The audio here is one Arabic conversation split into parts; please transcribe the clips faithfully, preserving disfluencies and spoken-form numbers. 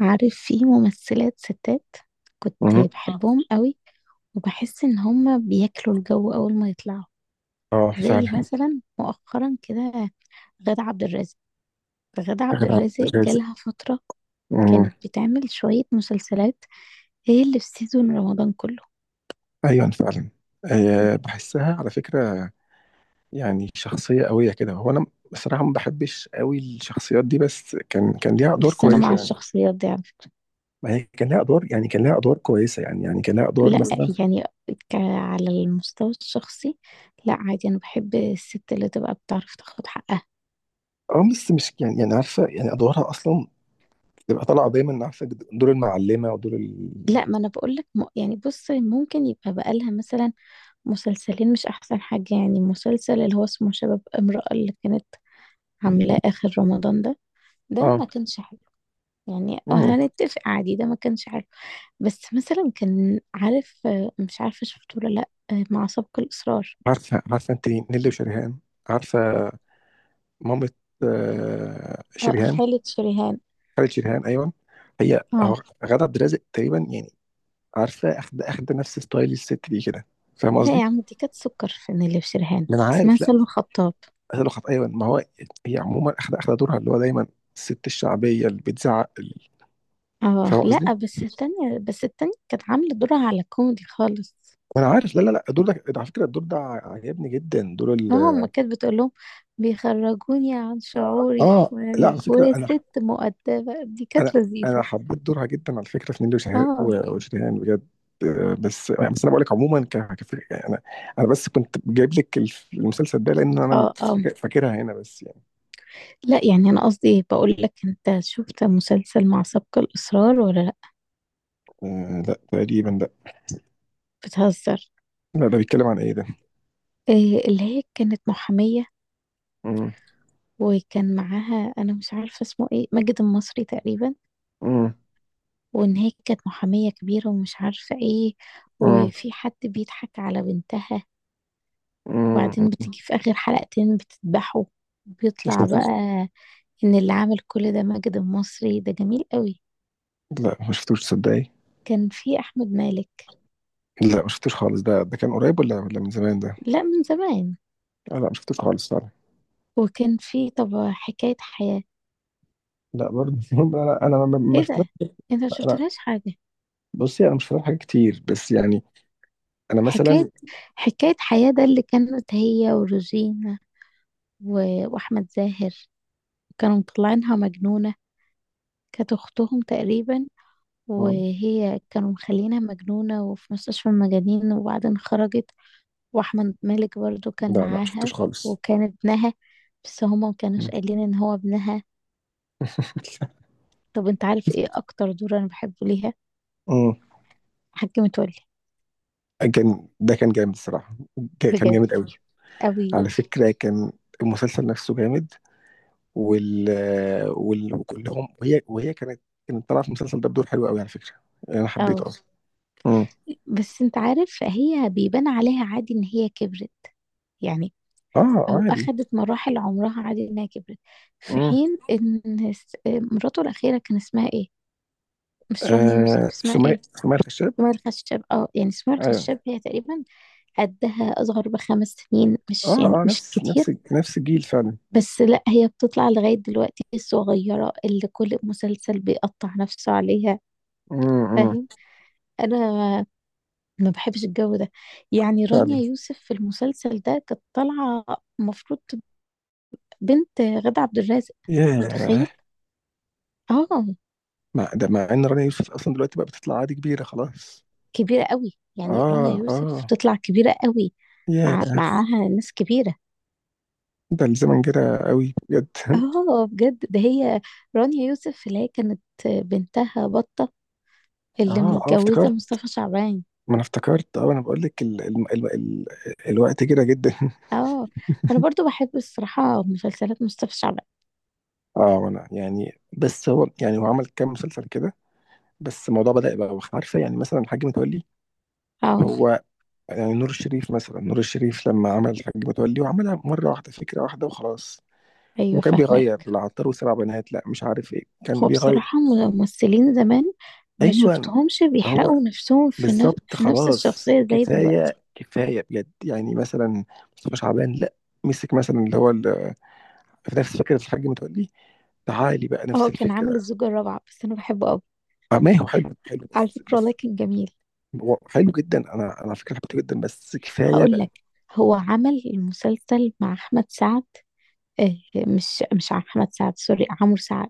عارف؟ في ممثلات ستات كنت مم. آه. بحبهم قوي، وبحس ان هما بياكلوا الجو اول ما يطلعوا. اه زي فعلا. مثلا مؤخرا كده، غادة عبد الرازق غادة عبد غير عن الرازق الرازق. جالها فترة مم. كانت بتعمل شوية مسلسلات، هي اللي في سيزون رمضان كله. ايوه فعلا. آه، بحسها على فكره. يعني شخصيه قويه كده. هو انا بصراحه ما بحبش قوي الشخصيات دي، بس كان كان ليها ادوار بس انا كويسه مع يعني. الشخصيات دي عارف. ما هي كان ليها ادوار، يعني كان ليها ادوار كويسه، يعني يعني كان ليها ادوار لا مثلا. يعني ك... على المستوى الشخصي، لا عادي انا بحب الست اللي تبقى بتعرف تاخد حقها. اه بس مش يعني يعني عارفه يعني ادوارها اصلا تبقى طالعه دايما، عارفه، دور المعلمه ودور ال لا ما انا بقول لك م... يعني بص، ممكن يبقى بقالها مثلا مسلسلين مش احسن حاجة، يعني مسلسل اللي هو اسمه شباب امرأة اللي كانت عاملاه اخر رمضان ده ده اه ما كانش حلو. يعني آه مم. هنتفق عادي، ده ما كانش حلو. بس مثلا كان عارف، آه، مش عارفة شفته ولا لا، آه، مع سبق الإصرار. عارفه عارفه انت نيلي وشريهان. عارفه. مامة. آه، اه، شريهان. خالد شريهان. خالد شيريهان، ايوه. هي هو اه غادة عبد الرازق تقريبا يعني. عارفه اخد اخد نفس ستايل الست دي كده. فاهم لا قصدي؟ يا عم، دي كانت سكر، في اللي في شريهان ما انا اسمها عارف، لا. سلوى خطاب. قالوا خط، ايوه ما هو. هي عموما اخد اخد دورها اللي هو دايما الست الشعبيه اللي بتزعق ال- اه فاهم قصدي؟ لا، بس التانية بس التانية كانت عاملة دورها على كوميدي خالص. ما انا عارف، لا لا لا، الدور ده على فكره، الدور ده عجبني جدا، دور اه، ال ما كانت بتقول لهم بيخرجوني عن شعوري اه وانا لا من على جوايا فكره، انا ست مؤدبة، دي انا كانت انا لذيذة. حبيت دورها جدا على فكره في نيلي وشه- اه وشريهان بجد. آه، بس يعني، بس انا بقول لك عموما، ك... كفكره يعني، انا انا بس كنت جايب لك الف- المسلسل ده لان انا اه اه فاك- فاكرها هنا بس يعني. لا يعني، انا قصدي بقول لك انت شفت مسلسل مع سبق الاصرار ولا لا؟ آه، لا تقريبا لا. بتهزر. لا ده بيتكلم عن ايه ده؟ إيه، اللي هي كانت محامية، مم. وكان معاها انا مش عارفة اسمه ايه، ماجد المصري تقريبا. مم. وان هي كانت محامية كبيرة ومش عارفة ايه، مم. وفي حد بيضحك على بنتها مم. وبعدين بتيجي في اخر حلقتين بتذبحه. يا بيطلع بقى ساتر. ان اللي عمل كل ده ماجد المصري، ده جميل قوي. لا ما شفتوش تصدقي. كان في احمد مالك. لا ما شفتوش خالص، ده ده كان قريب ولا ولا من زمان ده؟ لا، من زمان. آه، لا ما شفتوش خالص فعلا. وكان في، طب، حكاية حياة. لا برضه انا انا ما ما- ما ايه ده؟ شفتلهاش-. انت ما لا، انا. شفتلهاش حاجة؟ بصي انا مش فاهم حاجات كتير بس يعني انا حكاية مثلا. حكاية حياة ده اللي كانت هي وروجينا و- واحمد زاهر، كانوا مطلعينها مجنونة، كانت اختهم تقريبا. وهي كانوا مخلينها مجنونة وفي مستشفى المجانين وبعدين خرجت. واحمد مالك برضو كان لا لا شفتوش معاها، خالص. وكان ابنها بس هما مكانوش مم. قايلين ان هو ابنها. طب انت عارف ايه اكتر دور انا بحبه ليها؟ مم. حاجة متولي. كان ده كان جامد الصراحة. جا- كان بجد جامد قوي. قوي. على فكرة كان المسلسل نفسه جامد. وال وال وكلهم، وهي وهي كانت كانت طالعة في المسلسل ده بدور حلو قوي على فكرة. يعني انا اه، حبيته اصلا. مم. بس انت عارف هي بيبان عليها عادي ان هي كبرت. يعني اه او عادي. اخدت مراحل عمرها، عادي انها كبرت، في مم. حين ان س- مراته الاخيرة كان اسمها ايه؟ مش رانيا يوسف، آه، اسمها سمية ايه؟ سمية الخشاب. اسماعيل الخشاب، اه يعني اسماعيل ايوه. الخشاب، هي تقريبا قدها اصغر بخمس سنين، مش اه يعني اه، مش نفس كتير. نفس نفس الجيل فعلا. بس لا، هي بتطلع لغاية دلوقتي الصغيرة اللي كل مسلسل بيقطع نفسه عليها. امم. فاهم؟ انا ما بحبش الجو ده. يعني رانيا فعلا. يوسف في المسلسل ده كانت طالعه المفروض بنت غادة عبد الرازق، ياه. متخيل؟ اه. مع ده مع ان رنا يوسف اصلا دلوقتي بقى بتطلع عادي كبيرة خلاص. كبيره قوي يعني، رانيا اه يوسف اه. تطلع كبيره قوي مع ياه. معاها ناس كبيره. ده الزمن جرى قوي بجد اه بجد، ده هي رانيا يوسف اللي هي كانت بنتها بطه اللي اه اه متجوزه افتكرت. مصطفى شعبان. ما انا افتكرت، اه انا بقول لك ال... ال... ال... ال... الوقت جرى جدا. اه، انا برضو بحب الصراحه مسلسلات مصطفى شعبان. اه انا يعني، بس هو يعني، هو عمل كام مسلسل كده. بس الموضوع بدأ يبقى، وخ- عارفه يعني، مثلا الحاج متولي اه هو يعني. نور الشريف مثلا، نور الشريف لما عمل الحاج متولي وعملها مره واحده، فكره واحده وخلاص. ايوه، وكان فاهمه. بيغير العطار وسبع بنات، لا مش عارف ايه كان هو بيغير. بصراحة، م- ممثلين زمان ما ايوه. شفتهمش هو بيحرقوا نفسهم في نف... بالظبط، في نفس خلاص الشخصية زي دلوقتي. كفايه كفايه بجد. يعني مثلا مصطفى شعبان لا، مسك مثلا اللي هو ال- في نفس فكره الحاج متولي. تعالي بقى نفس اه، كان عامل الفكره. الزوجة الرابعة، بس أنا بحبه أوي. اه ما هو حلو حلو، على بس فكرة بس والله كان جميل. هو حلو جدا. انا انا على فكره حبيته جدا، بس كفايه هقول بقى. لك، هو عمل المسلسل مع أحمد سعد، آه مش مش أحمد سعد، سوري، عمرو سعد،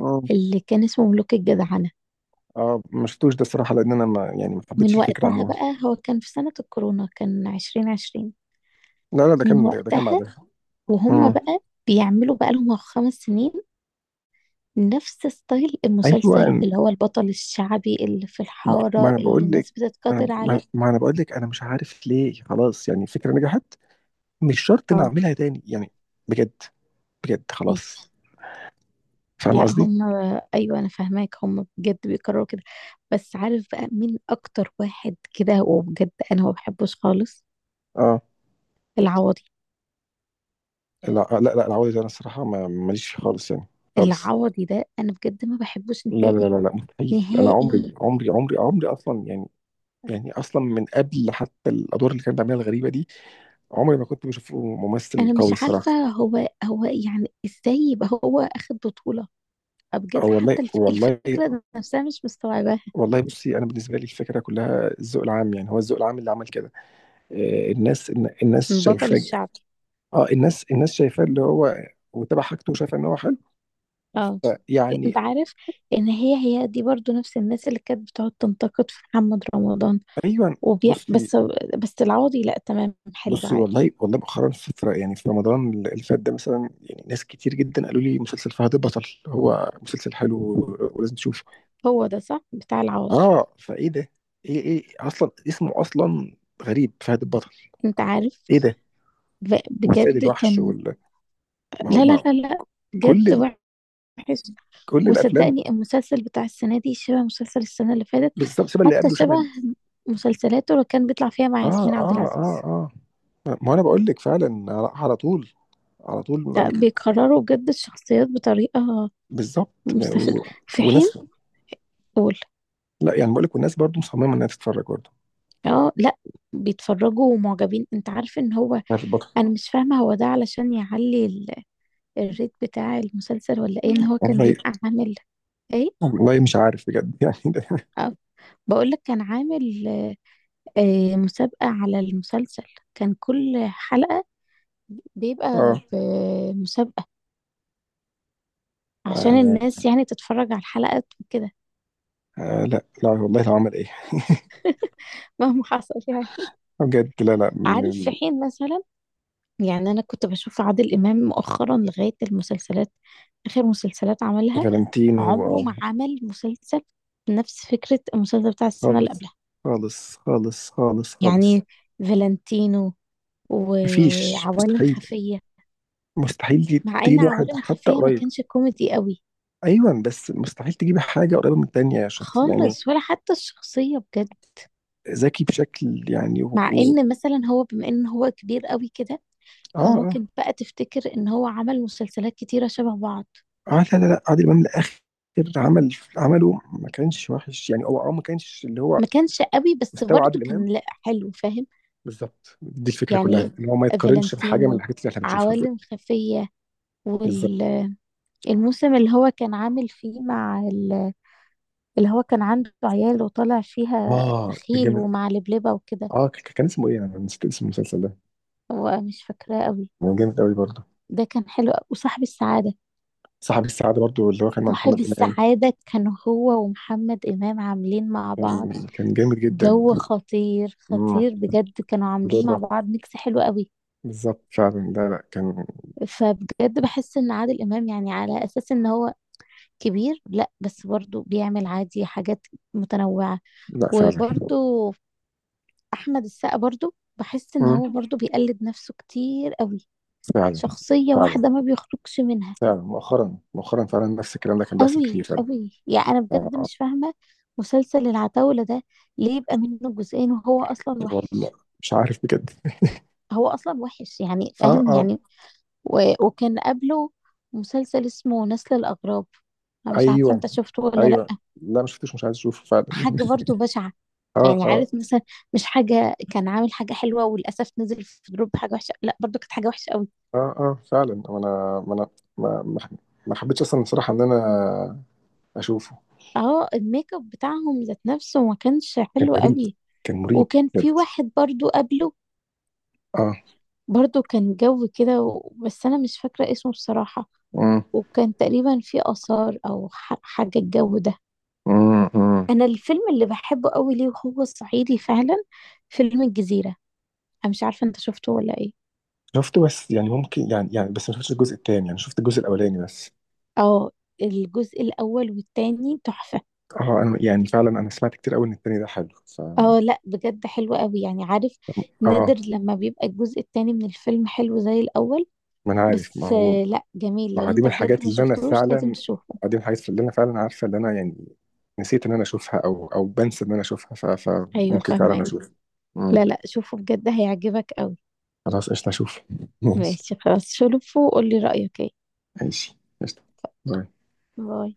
اه اللي كان اسمه ملوك الجدعنة. اه ما شفتوش ده الصراحه، لان انا ما يعني ما حبيتش من الفكره وقتها عموما. بقى، هو كان في سنة الكورونا، كان عشرين عشرين. لا لا، ده من كان ده, ده كان وقتها بعدها. وهم مم. بقى بيعملوا بقالهم خمس سنين نفس ستايل المسلسل ايوه. اللي هو البطل الشعبي اللي في ما, ما الحارة انا اللي بقول لك، الناس ما, بتتقاتل أنا- ما, عليه. ما انا بقول لك انا مش عارف ليه، خلاص يعني الفكره نجحت، مش شرط اه نعملها تاني يعني. بجد. بجد ايوه. خلاص. فاهم لا قصدي؟ هم، ايوه انا فاهماك، هم بجد بيكرروا كده. بس عارف بقى مين اكتر واحد كده وبجد انا ما بحبوش خالص؟ اه العوضي. لا، آه، لا لا، العوادي ده انا الصراحه ما- ماليش فيه خالص يعني. خالص. العوضي ده انا بجد ما بحبوش لا لا نهائي لا لا، مستحيل، انا عمري نهائي. عمري عمري عمري اصلا يعني. يعني اصلا من قبل حتى الادوار اللي كان بيعملها الغريبه دي، عمري ما كنت بشوفه ممثل انا قوي مش عارفة الصراحه. هو هو يعني ازاي يبقى هو اخد بطولة؟ بجد آه، والله حتى الف- والله. الفكرة نفسها مش مستوعباها. والله بصي، انا بالنسبه لي الفكره كلها الذوق العام، يعني هو الذوق العام اللي عمل كده. آه، الناس الن- الناس بطل شايفاه. الشعبي. اه الناس الناس شايفاه اللي هو وتابع حاجته وشايفه ان هو حلو، اه، ف- انت يعني. عارف ان هي، هي دي برضو نفس الناس اللي كانت بتقعد تنتقد في محمد رمضان ايوه. وبيع. بصي بس بس العوضي لا، تمام حلو بصي، عادي. والله والله مؤخرا فترة يعني في رمضان اللي فات ده مثلا، يعني ناس كتير جدا قالوا لي مسلسل فهد البطل هو مسلسل حلو ولازم تشوفه. هو ده صح بتاع العوضي؟ اه فايه ده؟ ايه ايه اصلا اسمه اصلا غريب، فهد البطل. انت عارف ايه ده، ب- والسيد بجد الوحش كان وال ما هو لا لا ما هو لا لا، كل بجد ال... وحش. كل الافلام. وصدقني المسلسل بتاع السنة دي شبه مسلسل السنة اللي فاتت، بالظبط شبه اللي حتى قبله، شبه شبه ال- مسلسلاته اللي كان بيطلع فيها مع اه ياسمين عبد اه العزيز. اه اه، ما انا بقول لك فعلا، على على طول، على طول، ما- لا، بيكرروا بجد الشخصيات بطريقة بالظبط، ما- مستفزة، و- في حين، وناس. قول. لا يعني، بقول لك والناس برضو مصممه انها تتفرج برضو. اه لا، بيتفرجوا ومعجبين. انت عارف ان هو، فهد البطل. انا مش فاهمة هو ده علشان يعلي ال- الريت بتاع المسلسل ولا ايه؟ ان هو كان والله بيبقى عامل ايه؟ والله مش عارف بجد يعني ده. أه بقول لك، كان عامل آه مسابقة على المسلسل. كان كل حلقة بيبقى اه. بمسابقة عشان آه الناس يعني تتفرج على الحلقات وكده. آه. لا لا والله لو عمل ايه. مهما حصل يعني. آه، بجد لا لا عارف؟ في من. حين مثلا يعني، انا كنت بشوف عادل امام مؤخرا لغاية المسلسلات، اخر مسلسلات عملها فالنتينو، عمره آه. ما عمل مسلسل نفس فكرة المسلسل بتاع السنة اللي خالص قبلها. خالص خالص خالص خالص. يعني فالنتينو مفيش، وعوالم مستحيل. خفية، مستحيل تجيب مع ان تجيب واحد عوالم حتى خفية ما قريب. كانش كوميدي قوي ايوه بس مستحيل تجيب حاجه قريبه من التانيه، يا شخص يعني. خالص، ولا حتى الشخصية، بجد. ذكي بشكل يعني و... مع و... ان مثلا هو بما ان هو كبير قوي كده، اه اه فممكن بقى تفتكر ان هو عمل مسلسلات كتيرة شبه بعض، اه، لا لا لا، عادل امام الاخر. عمل عمله ما كانش وحش يعني، هو اه ما كانش اللي هو ما كانش قوي بس مستوى برضه عادل امام. كان، لا، حلو. فاهم؟ بالظبط، دي الفكره كلها، يعني ان هو ما يتقارنش بحاجه من فالنتينو، الحاجات اللي احنا بنشوفها دلوقتي. عوالم خفية، بالظبط. وال الموسم اللي هو كان عامل فيه مع ال- اللي هو كان عنده عيال وطالع فيها اه كان بخيل جامد. ومع لبلبة وكده، اه ك- كان اسمه ايه، انا نسيت اسم المسلسل ده. هو مش فاكراه قوي. كان جامد قوي برضه. ده كان حلو أوي. وصاحب السعادة. صاحب السعاده برضه، اللي هو كان مع صاحب محمد امام. السعادة كان هو ومحمد إمام عاملين مع بعض، كان كان جامد جدا. جو خطير امم. خطير بجد، كانوا عاملين مع بدورة. بعض ميكس حلو قوي. بالظبط فعلا، لا لا كان. فبجد بحس ان عادل امام يعني على اساس ان هو كبير، لا بس برضه بيعمل عادي حاجات متنوعة. لا فعلا. وبرضه احمد السقا برضو بحس ان امم. هو برضو بيقلد نفسه كتير قوي، فعلا. شخصية فعلا واحدة ما بيخرجش منها. فعلا مؤخرا مؤخرا فعلا، نفس الكلام ده كان بيحصل قوي كتير فعلا. قوي يعني، انا آه بجد آه. مش فاهمة مسلسل العتاولة ده ليه يبقى منه جزئين وهو اصلا والله وحش. مش عارف بجد. هو اصلا وحش يعني، اه فاهم اه. يعني. و... وكان قبله مسلسل اسمه نسل الاغراب، انا مش عارفة ايوه انت شفته ولا لا. ايوه. لا ما شفتوش، مش عايز اشوفه فعلا حاجة برضو بشعة. اه يعني اه عارف مثلا، مش حاجة كان عامل حاجة حلوة وللأسف نزل في دروب حاجة وحشة، لا برضو كانت حاجة وحشة قوي. اه اه فعلا، ما انا ما انا ما ما ما حبيتش اصلا بصراحه ان انا اشوفه. اه، الميك اب بتاعهم ذات نفسه ما كانش كان حلو غريب، قوي. كان مريب وكان في بجد. واحد برضو قبله اه. برضو كان جو كده و- بس انا مش فاكرة اسمه بصراحة. امم وكان تقريبا في آثار او ح- حاجة الجو ده. امم أمم. انا الفيلم اللي بحبه قوي ليه وهو صعيدي فعلا، فيلم الجزيرة، انا مش عارفة انت شفته ولا ايه. شفته بس يعني، ممكن يعني يعني بس ما شفتش الجزء الثاني، يعني شفت الجزء الاولاني بس. اه، الجزء الاول والتاني تحفة. اه انا يعني فعلا، انا سمعت كتير قوي ان الثاني ده حلو. ف اه لا بجد حلو قوي، يعني عارف، اه نادر لما بيبقى الجزء التاني من الفيلم حلو زي الاول. ما انا عارف، ما بس هو. آه، لا جميل، ما لو هو دي انت من بجد الحاجات ما اللي انا شفتوش لازم فعلا. تشوفه. آه، دي من الحاجات اللي انا فعلا عارفه، اللي انا يعني نسيت ان انا اشوفها او او بنسى ان انا اشوفها، ف... ايوه فممكن فعلا فاهمك. اشوفها. امم. لا لا شوفه بجد، هيعجبك قوي. خلاص قشطه اشوف ماشي. ماشي خلاص، شوفه وقولي رأيك ايه. ماشي قشطة. باي. باي